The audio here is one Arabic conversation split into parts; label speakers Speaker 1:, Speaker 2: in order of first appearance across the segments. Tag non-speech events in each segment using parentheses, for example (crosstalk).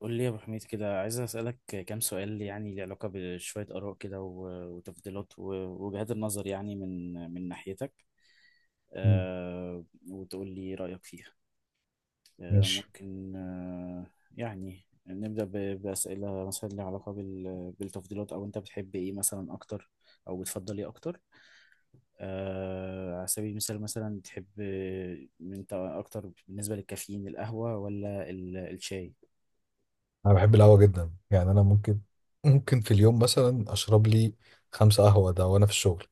Speaker 1: قول لي يا ابو حميد كده، عايز اسالك كام سؤال يعني ليه علاقه بشويه اراء كده وتفضيلات ووجهات النظر يعني من ناحيتك.
Speaker 2: مم.
Speaker 1: آه وتقول لي رايك فيها.
Speaker 2: ماشي.
Speaker 1: ممكن. يعني نبدا باسئله مثلا ليها علاقه بالتفضيلات، او انت بتحب ايه مثلا اكتر او بتفضل ايه اكتر؟ على سبيل المثال مثلا، تحب انت اكتر بالنسبه للكافيين القهوه ولا الشاي؟
Speaker 2: انا بحب القهوه جدا. انا ممكن في اليوم مثلا اشرب لي خمسة قهوه ده وانا في الشغل.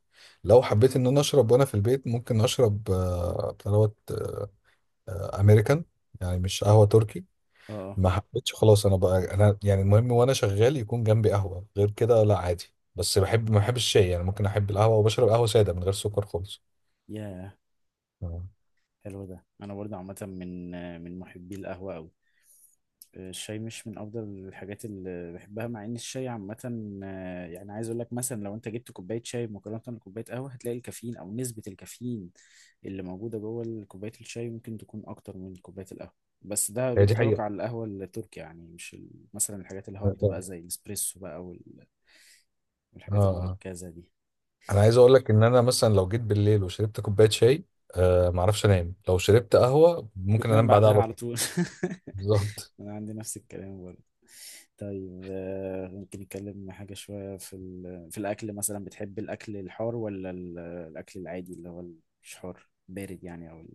Speaker 2: لو حبيت ان انا اشرب وانا في البيت ممكن اشرب بتاع دوت، امريكان، يعني مش قهوة تركي.
Speaker 1: اه آه.
Speaker 2: ما حبيتش خلاص انا بقى، انا يعني المهم وانا شغال يكون جنبي قهوة، غير كده لا عادي. بس بحب، ما بحبش الشاي. يعني ممكن احب القهوة وبشرب قهوة سادة من غير سكر خالص.
Speaker 1: ياه،
Speaker 2: آه،
Speaker 1: حلو ده. انا برضه عامه من محبي القهوه قوي. الشاي مش من افضل الحاجات اللي بحبها، مع ان الشاي عامه، يعني عايز اقول لك، مثلا لو انت جبت كوبايه شاي مقارنه بكوبايه قهوه، هتلاقي الكافيين او نسبه الكافيين اللي موجوده جوه كوبايه الشاي ممكن تكون اكتر من كوبايه القهوه. بس ده
Speaker 2: هي دي
Speaker 1: بينطبق
Speaker 2: حقيقة.
Speaker 1: على القهوه التركي يعني، مش مثلا الحاجات الهارد
Speaker 2: اه
Speaker 1: بقى زي الاسبريسو بقى والحاجات
Speaker 2: اه
Speaker 1: المركزه دي.
Speaker 2: انا عايز اقول لك ان انا مثلا لو جيت بالليل وشربت كوبايه شاي، ما اعرفش انام. لو شربت قهوه ممكن
Speaker 1: بتنام
Speaker 2: انام بعدها
Speaker 1: بعدها
Speaker 2: على
Speaker 1: على
Speaker 2: طول.
Speaker 1: طول؟
Speaker 2: بالظبط.
Speaker 1: (laughs) انا عندي نفس الكلام برضه. طيب، ممكن نتكلم حاجة شوية في الأكل. مثلا بتحب الأكل الحار ولا الأكل العادي اللي هو مش حار، بارد يعني، أو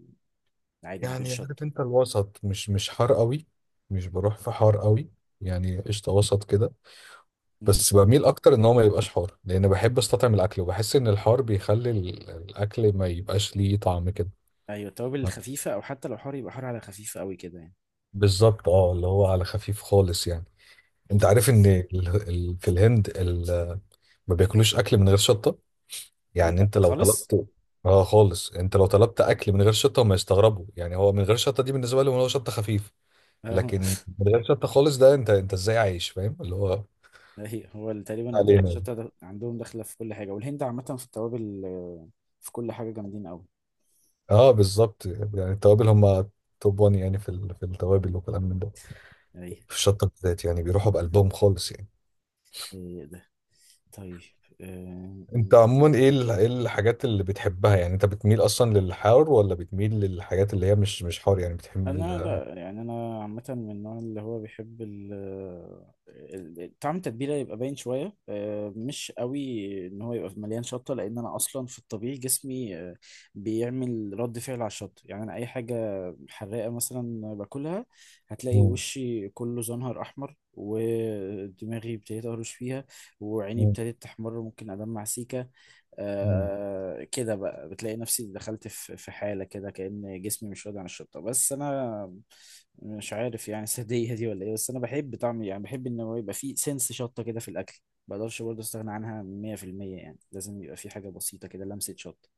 Speaker 1: العادي من غير
Speaker 2: يعني عارف
Speaker 1: شطة؟
Speaker 2: انت الوسط، مش حار قوي، مش بروح في حار قوي، يعني قشطه وسط كده.
Speaker 1: مم.
Speaker 2: بس بميل اكتر ان هو ما يبقاش حار، لان بحب استطعم الاكل وبحس ان الحار بيخلي الاكل ما يبقاش ليه طعم كده.
Speaker 1: أيوة، التوابل الخفيفة، أو حتى لو حار يبقى حار على خفيف أوي كده يعني.
Speaker 2: بالظبط، اه اللي هو على خفيف خالص يعني. انت
Speaker 1: مم.
Speaker 2: عارف ان في الهند ما بياكلوش اكل من غير شطه. يعني
Speaker 1: يا
Speaker 2: انت لو
Speaker 1: خالص؟
Speaker 2: طلبت، اه خالص، انت لو طلبت اكل من غير شطه هم يستغربوا. يعني هو من غير شطه دي بالنسبه لهم هو شطه خفيف،
Speaker 1: (laughs) أهو.
Speaker 2: لكن من غير شطه خالص ده، انت انت ازاي عايش؟ فاهم اللي هو
Speaker 1: أيوة، هو تقريبا
Speaker 2: علينا يعني.
Speaker 1: الشطة ده عندهم داخلة في كل حاجة، والهند عامة في التوابل، في كل حاجة جامدين أوي.
Speaker 2: اه بالظبط، يعني التوابل هم توب 1 يعني في في التوابل وكلام من ده.
Speaker 1: أيوة.
Speaker 2: في الشطه بالذات يعني بيروحوا بقلبهم خالص يعني.
Speaker 1: إيه ده. طيب. آه،
Speaker 2: انت عموما ايه ايه الحاجات اللي بتحبها؟ يعني انت بتميل اصلا للحار، ولا بتميل للحاجات اللي هي مش حار؟ يعني بتحب
Speaker 1: انا لا، يعني انا عامه من النوع اللي هو بيحب طعم التتبيله يبقى باين شويه، مش قوي ان هو يبقى مليان شطه، لان انا اصلا في الطبيعي جسمي بيعمل رد فعل على الشطه. يعني انا اي حاجه حراقه مثلا باكلها، هتلاقي
Speaker 2: مم.
Speaker 1: وشي كله زنهر احمر، ودماغي ابتديت اهرش فيها، وعيني ابتدت تحمر، ممكن ادمع سيكه.
Speaker 2: مم.
Speaker 1: كده بقى بتلاقي نفسي دخلت في حالة كده كأن جسمي مش راضي عن الشطة. بس أنا مش عارف يعني، (laughs) السادية دي ولا إيه؟ بس أنا بحب طعم، يعني بحب إن هو يبقى فيه سنس شطة كده في الأكل. ما بقدرش برضه أستغنى عنها. 100% يعني لازم يبقى فيه حاجة بسيطة كده، لمسة شطة.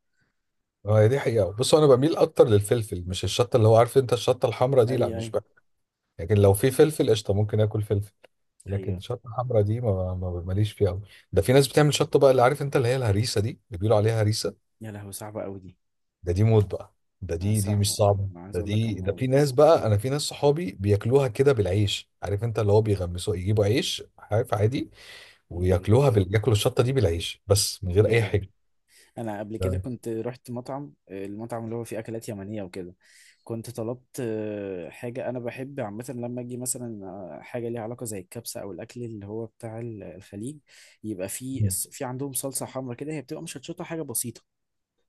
Speaker 2: اه هي دي حقيقة. بص انا بميل اكتر للفلفل، مش الشطة، اللي هو عارف انت الشطة الحمراء دي لا،
Speaker 1: أي
Speaker 2: مش
Speaker 1: أي
Speaker 2: بقى. لكن لو في فلفل قشطة ممكن اكل فلفل، لكن
Speaker 1: أيوه.
Speaker 2: الشطة الحمراء دي ما ما ماليش فيها قوي. ده في ناس بتعمل شطة بقى، اللي عارف انت اللي هي الهريسة دي، اللي بيقولوا عليها هريسة.
Speaker 1: يا لهوي، صعبة أوي دي.
Speaker 2: ده دي موت بقى. ده دي دي
Speaker 1: صعبة.
Speaker 2: مش صعبة،
Speaker 1: أنا عايز
Speaker 2: ده
Speaker 1: أقول لك
Speaker 2: دي ده
Speaker 1: أنا،
Speaker 2: في ناس بقى، انا في ناس صحابي بياكلوها كده بالعيش، عارف انت اللي هو بيغمسوا، يجيبوا عيش عارف عادي
Speaker 1: آه،
Speaker 2: وياكلوها ياكلوا الشطة دي بالعيش بس من غير
Speaker 1: يا
Speaker 2: اي
Speaker 1: لهوي.
Speaker 2: حاجة.
Speaker 1: انا قبل كده
Speaker 2: ده-
Speaker 1: كنت رحت مطعم، المطعم اللي هو فيه اكلات يمنيه وكده، كنت طلبت حاجه. انا بحب عامه لما اجي مثلا حاجه ليها علاقه زي الكبسه او الاكل اللي هو بتاع الخليج، يبقى فيه في عندهم صلصه حمراء كده، هي بتبقى مشطشطه حاجه بسيطه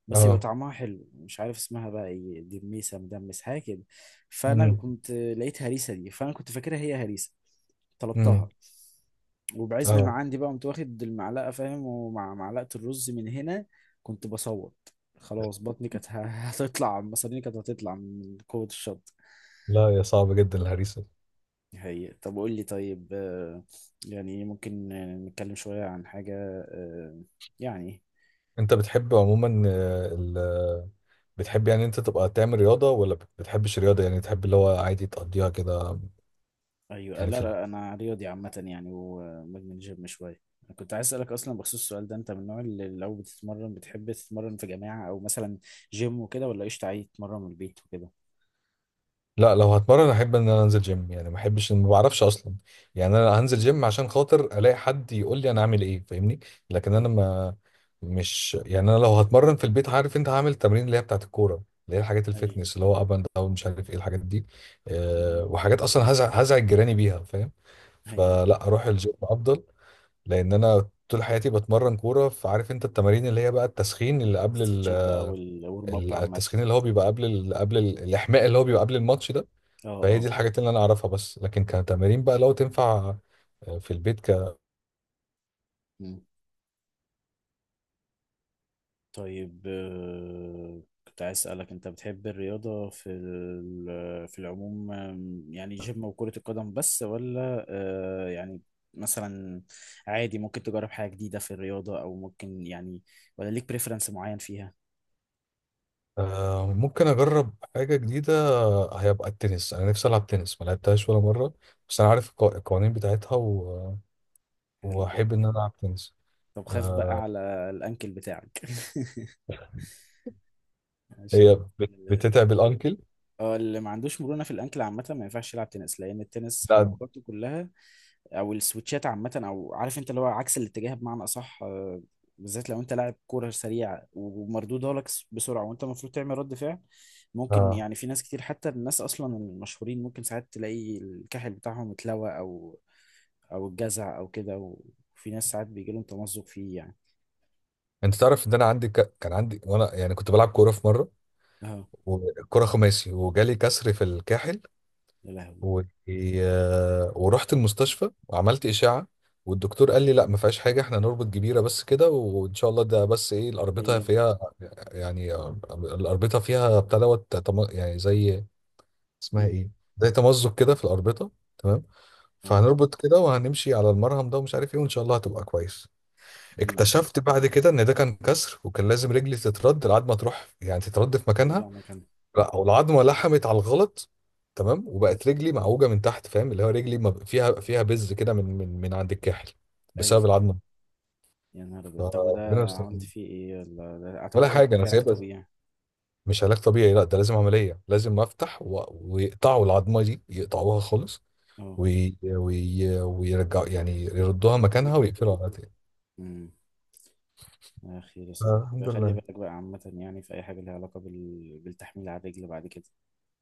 Speaker 1: بس يبقى
Speaker 2: اه،
Speaker 1: طعمها حلو، مش عارف اسمها بقى ايه، دميسه، مدمس، حاجه كده. فانا
Speaker 2: امم،
Speaker 1: كنت لقيت هريسه دي، فانا كنت فاكرها هي هريسه،
Speaker 2: امم،
Speaker 1: طلبتها وبعزم ما
Speaker 2: اه.
Speaker 1: عندي بقى قمت واخد المعلقه، فاهم، ومع معلقه الرز من هنا كنت بصوت، خلاص بطني كانت (laughs) هتطلع، مصاريني كانت هتطلع من قوه الشط.
Speaker 2: لا يا صعبة جدا الهريسة.
Speaker 1: هي طب قول لي، طيب، يعني ممكن نتكلم شويه عن حاجه آه، يعني.
Speaker 2: انت بتحب عموما ال... بتحب يعني انت تبقى تعمل رياضة، ولا بتحبش الرياضة؟ يعني تحب اللي هو عادي تقضيها كده؟
Speaker 1: ايوه،
Speaker 2: يعني
Speaker 1: لا
Speaker 2: في،
Speaker 1: لا، انا رياضي عامه يعني، ومدمن جيم شويه. أنا كنت عايز اسالك اصلا بخصوص السؤال ده، انت من النوع اللي لو بتتمرن بتحب تتمرن في جماعه، او مثلا جيم وكده، ولا قشطه عادي تتمرن من البيت وكده؟
Speaker 2: لا لو هتمرن احب ان انا انزل جيم. يعني ما احبش، ما بعرفش اصلا. يعني انا هنزل جيم عشان خاطر الاقي حد يقول لي انا اعمل ايه، فاهمني؟ لكن انا
Speaker 1: ايوه
Speaker 2: ما، مش يعني، انا لو هتمرن في البيت عارف انت هعمل التمرين اللي هي بتاعت الكوره، اللي هي الحاجات
Speaker 1: ايوه.
Speaker 2: الفتنس، اللي هو اب اند داون، مش عارف ايه الحاجات دي.
Speaker 1: م-
Speaker 2: أه
Speaker 1: م.
Speaker 2: وحاجات اصلا هزعج جيراني بيها، فاهم؟
Speaker 1: هي
Speaker 2: فلا، اروح الجيم افضل. لان انا طول حياتي بتمرن كوره، فعارف انت التمارين اللي هي بقى التسخين اللي قبل
Speaker 1: استرتشات بقى والورم اب عامه.
Speaker 2: التسخين اللي هو بيبقى قبل الاحماء اللي هو بيبقى قبل الماتش ده.
Speaker 1: اه
Speaker 2: فهي دي
Speaker 1: اه.
Speaker 2: الحاجات اللي انا اعرفها بس، لكن كتمارين بقى لو تنفع في البيت ك.
Speaker 1: م. طيب، كنت عايز أسألك، أنت بتحب الرياضة في العموم، يعني جيم وكرة القدم بس، ولا يعني مثلا عادي ممكن تجرب حاجة جديدة في الرياضة، أو ممكن يعني، ولا ليك بريفرنس معين فيها؟
Speaker 2: ممكن اجرب حاجه جديده، هيبقى التنس. انا نفسي العب تنس، ما لعبتهاش ولا مره، بس انا عارف القوانين بتاعتها و...
Speaker 1: حلو ده.
Speaker 2: واحب ان انا العب تنس.
Speaker 1: طب خاف
Speaker 2: آه،
Speaker 1: بقى على الأنكل بتاعك (laughs) عشان
Speaker 2: هي بتتعب الانكل.
Speaker 1: اه اللي ما عندوش مرونة في الأنكل عامة ما ينفعش يلعب تنس، لأن التنس
Speaker 2: لا
Speaker 1: حركاته كلها، او السويتشات عامه، او عارف انت اللي هو عكس الاتجاه بمعنى اصح، بالذات لو انت لاعب كوره سريع ومردودها لك بسرعه وانت المفروض تعمل رد فعل، ممكن
Speaker 2: اه،
Speaker 1: يعني في ناس كتير، حتى الناس اصلا المشهورين ممكن ساعات تلاقي الكاحل بتاعهم اتلوى، او الجزع او كده، وفي ناس ساعات بيجي لهم تمزق فيه يعني.
Speaker 2: انت تعرف ان انا عندي كان عندي، وانا يعني كنت بلعب كوره في مره،
Speaker 1: اه.
Speaker 2: وكره خماسي، وجالي كسر في الكاحل
Speaker 1: يا لهوي.
Speaker 2: و... ورحت المستشفى وعملت اشعه، والدكتور قال لي لا ما فيهاش حاجه، احنا نربط جبيره بس كده وان شاء الله. ده بس ايه، الاربطه
Speaker 1: هيلم.
Speaker 2: فيها يعني الاربطه فيها يعني زي، اسمها
Speaker 1: مم.
Speaker 2: ايه، زي تمزق كده في الاربطه. تمام،
Speaker 1: اه.
Speaker 2: فهنربط كده وهنمشي على المرهم ده ومش عارف ايه، وان شاء الله هتبقى كويس.
Speaker 1: مم.
Speaker 2: اكتشفت بعد كده ان ده كان كسر، وكان لازم رجلي تترد لحد ما تروح، يعني تترد في مكانها.
Speaker 1: ترجع مكانها.
Speaker 2: لا هو العظمه لحمت على الغلط، تمام، وبقت رجلي معوجه من تحت، فاهم اللي هو رجلي ما ب- فيها، فيها بز كده من من عند الكاحل
Speaker 1: اي.
Speaker 2: بسبب العظمه.
Speaker 1: يا نهار ابيض، طب
Speaker 2: فربنا
Speaker 1: وده
Speaker 2: يستر.
Speaker 1: عملت فيه ايه؟ ولا اعتقد
Speaker 2: ولا
Speaker 1: ده
Speaker 2: حاجه انا
Speaker 1: محتاج علاج
Speaker 2: سايبها.
Speaker 1: طبيعي.
Speaker 2: مش علاج طبيعي، لا ده لازم عمليه، لازم افتح و... ويقطعوا العظمه دي يقطعوها خالص،
Speaker 1: اه.
Speaker 2: وي... وي... ويرجعوا يعني يردوها
Speaker 1: يا
Speaker 2: مكانها
Speaker 1: ابن
Speaker 2: ويقفلوا عليها تاني.
Speaker 1: مم. يا أخي، يا صديقي بقى،
Speaker 2: الحمد
Speaker 1: خلي
Speaker 2: لله.
Speaker 1: بالك بقى عامة يعني في أي حاجة ليها علاقة بالتحميل على الرجل بعد كده.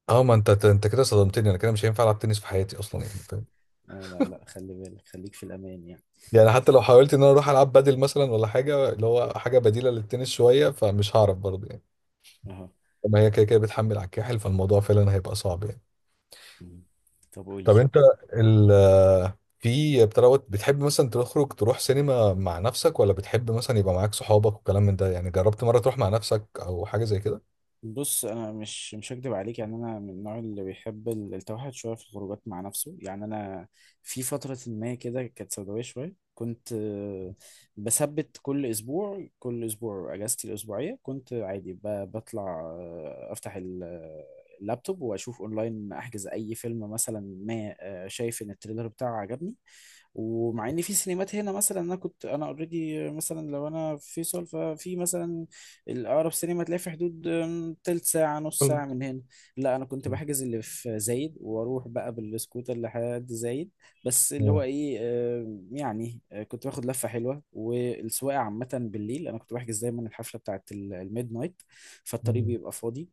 Speaker 2: اه ما انت انت كده صدمتني، انا كده مش هينفع العب تنس في حياتي اصلا يعني.
Speaker 1: اه، لا لا، خلي بالك، خليك في الأمان يعني.
Speaker 2: يعني حتى لو حاولت ان انا اروح العب بدل، مثلا ولا حاجه، اللي هو حاجه
Speaker 1: مم.
Speaker 2: بديله للتنس شويه، فمش هعرف برضه يعني.
Speaker 1: أهو.
Speaker 2: لما هي كده كده بتحمل على الكاحل، فالموضوع فعلا هيبقى صعب يعني.
Speaker 1: مم. طب قول لي.
Speaker 2: طب انت ال، في بتروت بتحب مثلا تخرج تروح سينما مع نفسك، ولا بتحب مثلا يبقى معاك صحابك وكلام من ده؟ يعني جربت مره تروح مع نفسك، او حاجه زي كده؟
Speaker 1: بص، انا مش هكدب عليك، يعني انا من النوع اللي بيحب التوحد شويه في الخروجات مع نفسه. يعني انا في فتره ما كده كانت سوداويه شويه، كنت بثبت كل اسبوع، كل اسبوع اجازتي الاسبوعيه كنت عادي بطلع، افتح اللابتوب واشوف اونلاين، احجز اي فيلم مثلا ما شايف ان التريلر بتاعه عجبني. ومع ان في سينمات هنا مثلا، انا كنت انا اوريدي مثلا، لو انا في فيصل، ففي مثلا الأقرب سينما تلاقي في حدود تلت ساعة، نص
Speaker 2: مم.
Speaker 1: ساعة من هنا. لا، أنا كنت بحجز اللي في زايد وأروح بقى بالسكوتر لحد زايد، بس اللي هو
Speaker 2: مم.
Speaker 1: إيه، يعني كنت باخد لفة حلوة، والسواقة عامة بالليل، أنا كنت بحجز دايما الحفلة بتاعت الميد نايت، فالطريق
Speaker 2: مم.
Speaker 1: بيبقى فاضي،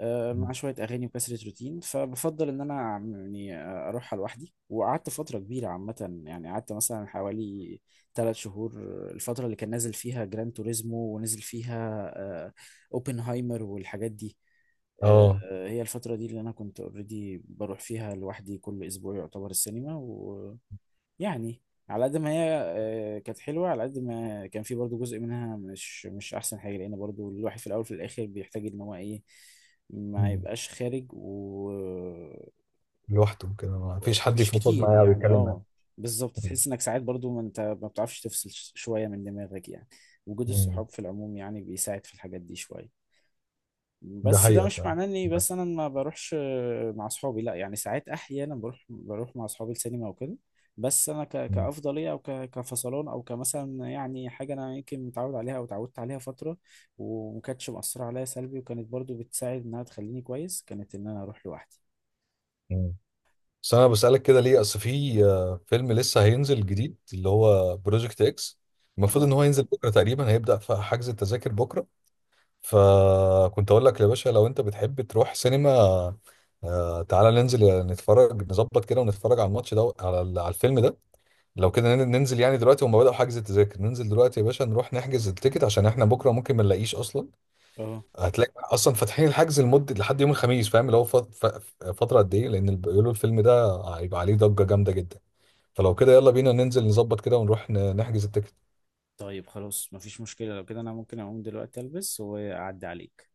Speaker 1: مع شوية
Speaker 2: (laughs)
Speaker 1: أغاني وكسرة روتين، فبفضل إن أنا يعني أروحها لوحدي. وقعدت فترة كبيرة عامة، يعني قعدت مثلا حوالي ثلاث شهور، الفترة اللي كان نازل فيها جران توريزمو، ونزل فيها آه، أوبنهايمر والحاجات دي.
Speaker 2: اه
Speaker 1: هي الفترة دي اللي أنا كنت أوريدي بروح فيها لوحدي كل أسبوع يعتبر السينما يعني. على قد ما هي كانت حلوة، على قد ما كان في برضو جزء منها مش أحسن حاجة، لأن برضو الواحد في الأول وفي الآخر بيحتاج إن هو إيه، ما
Speaker 2: مم.
Speaker 1: يبقاش خارج
Speaker 2: لوحده كده ما فيش حد
Speaker 1: مش
Speaker 2: يفضفض
Speaker 1: كتير
Speaker 2: معايا او
Speaker 1: يعني.
Speaker 2: يتكلم معايا.
Speaker 1: اه بالظبط، تحس إنك ساعات برضو، ما أنت ما بتعرفش تفصل شوية من دماغك يعني. وجود
Speaker 2: مم.
Speaker 1: الصحاب في العموم يعني بيساعد في الحاجات دي شوية.
Speaker 2: ده
Speaker 1: بس ده
Speaker 2: حقيقه
Speaker 1: مش
Speaker 2: فعلا.
Speaker 1: معناه اني بس انا ما بروحش مع اصحابي، لا يعني ساعات، احيانا بروح مع اصحابي السينما وكده. بس انا كافضليه، او كفصلان، او كمثلا يعني حاجه انا يمكن متعود عليها، او اتعودت عليها فتره وما كانتش مأثره عليا سلبي، وكانت برضو بتساعد انها تخليني كويس، كانت ان انا اروح لوحدي.
Speaker 2: مم. بس انا بسألك كده ليه، اصل في فيلم لسه هينزل جديد، اللي هو بروجكت اكس. المفروض
Speaker 1: اهو
Speaker 2: ان هو ينزل بكره تقريبا، هيبدأ في حجز التذاكر بكره. فكنت اقول لك يا باشا، لو انت بتحب تروح سينما، تعالى ننزل نتفرج، نظبط كده ونتفرج على الماتش ده، على على الفيلم ده. لو كده ننزل يعني دلوقتي، هم بدأوا حجز التذاكر، ننزل دلوقتي يا باشا نروح نحجز التيكت، عشان احنا بكره ممكن ما نلاقيش اصلا.
Speaker 1: اهو.
Speaker 2: هتلاقي اصلا فاتحين الحجز لمده لحد يوم الخميس، فاهم اللي هو فتره قد ايه، لان بيقولوا الفيلم ده هيبقى عليه ضجه جامده جدا. فلو كده يلا بينا ننزل نظبط كده ونروح نحجز التيكت.
Speaker 1: طيب خلاص، مفيش مشكله، لو كده انا ممكن اقوم دلوقتي البس واعدي عليك.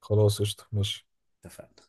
Speaker 2: خلاص قشطه ماشي.
Speaker 1: اتفقنا.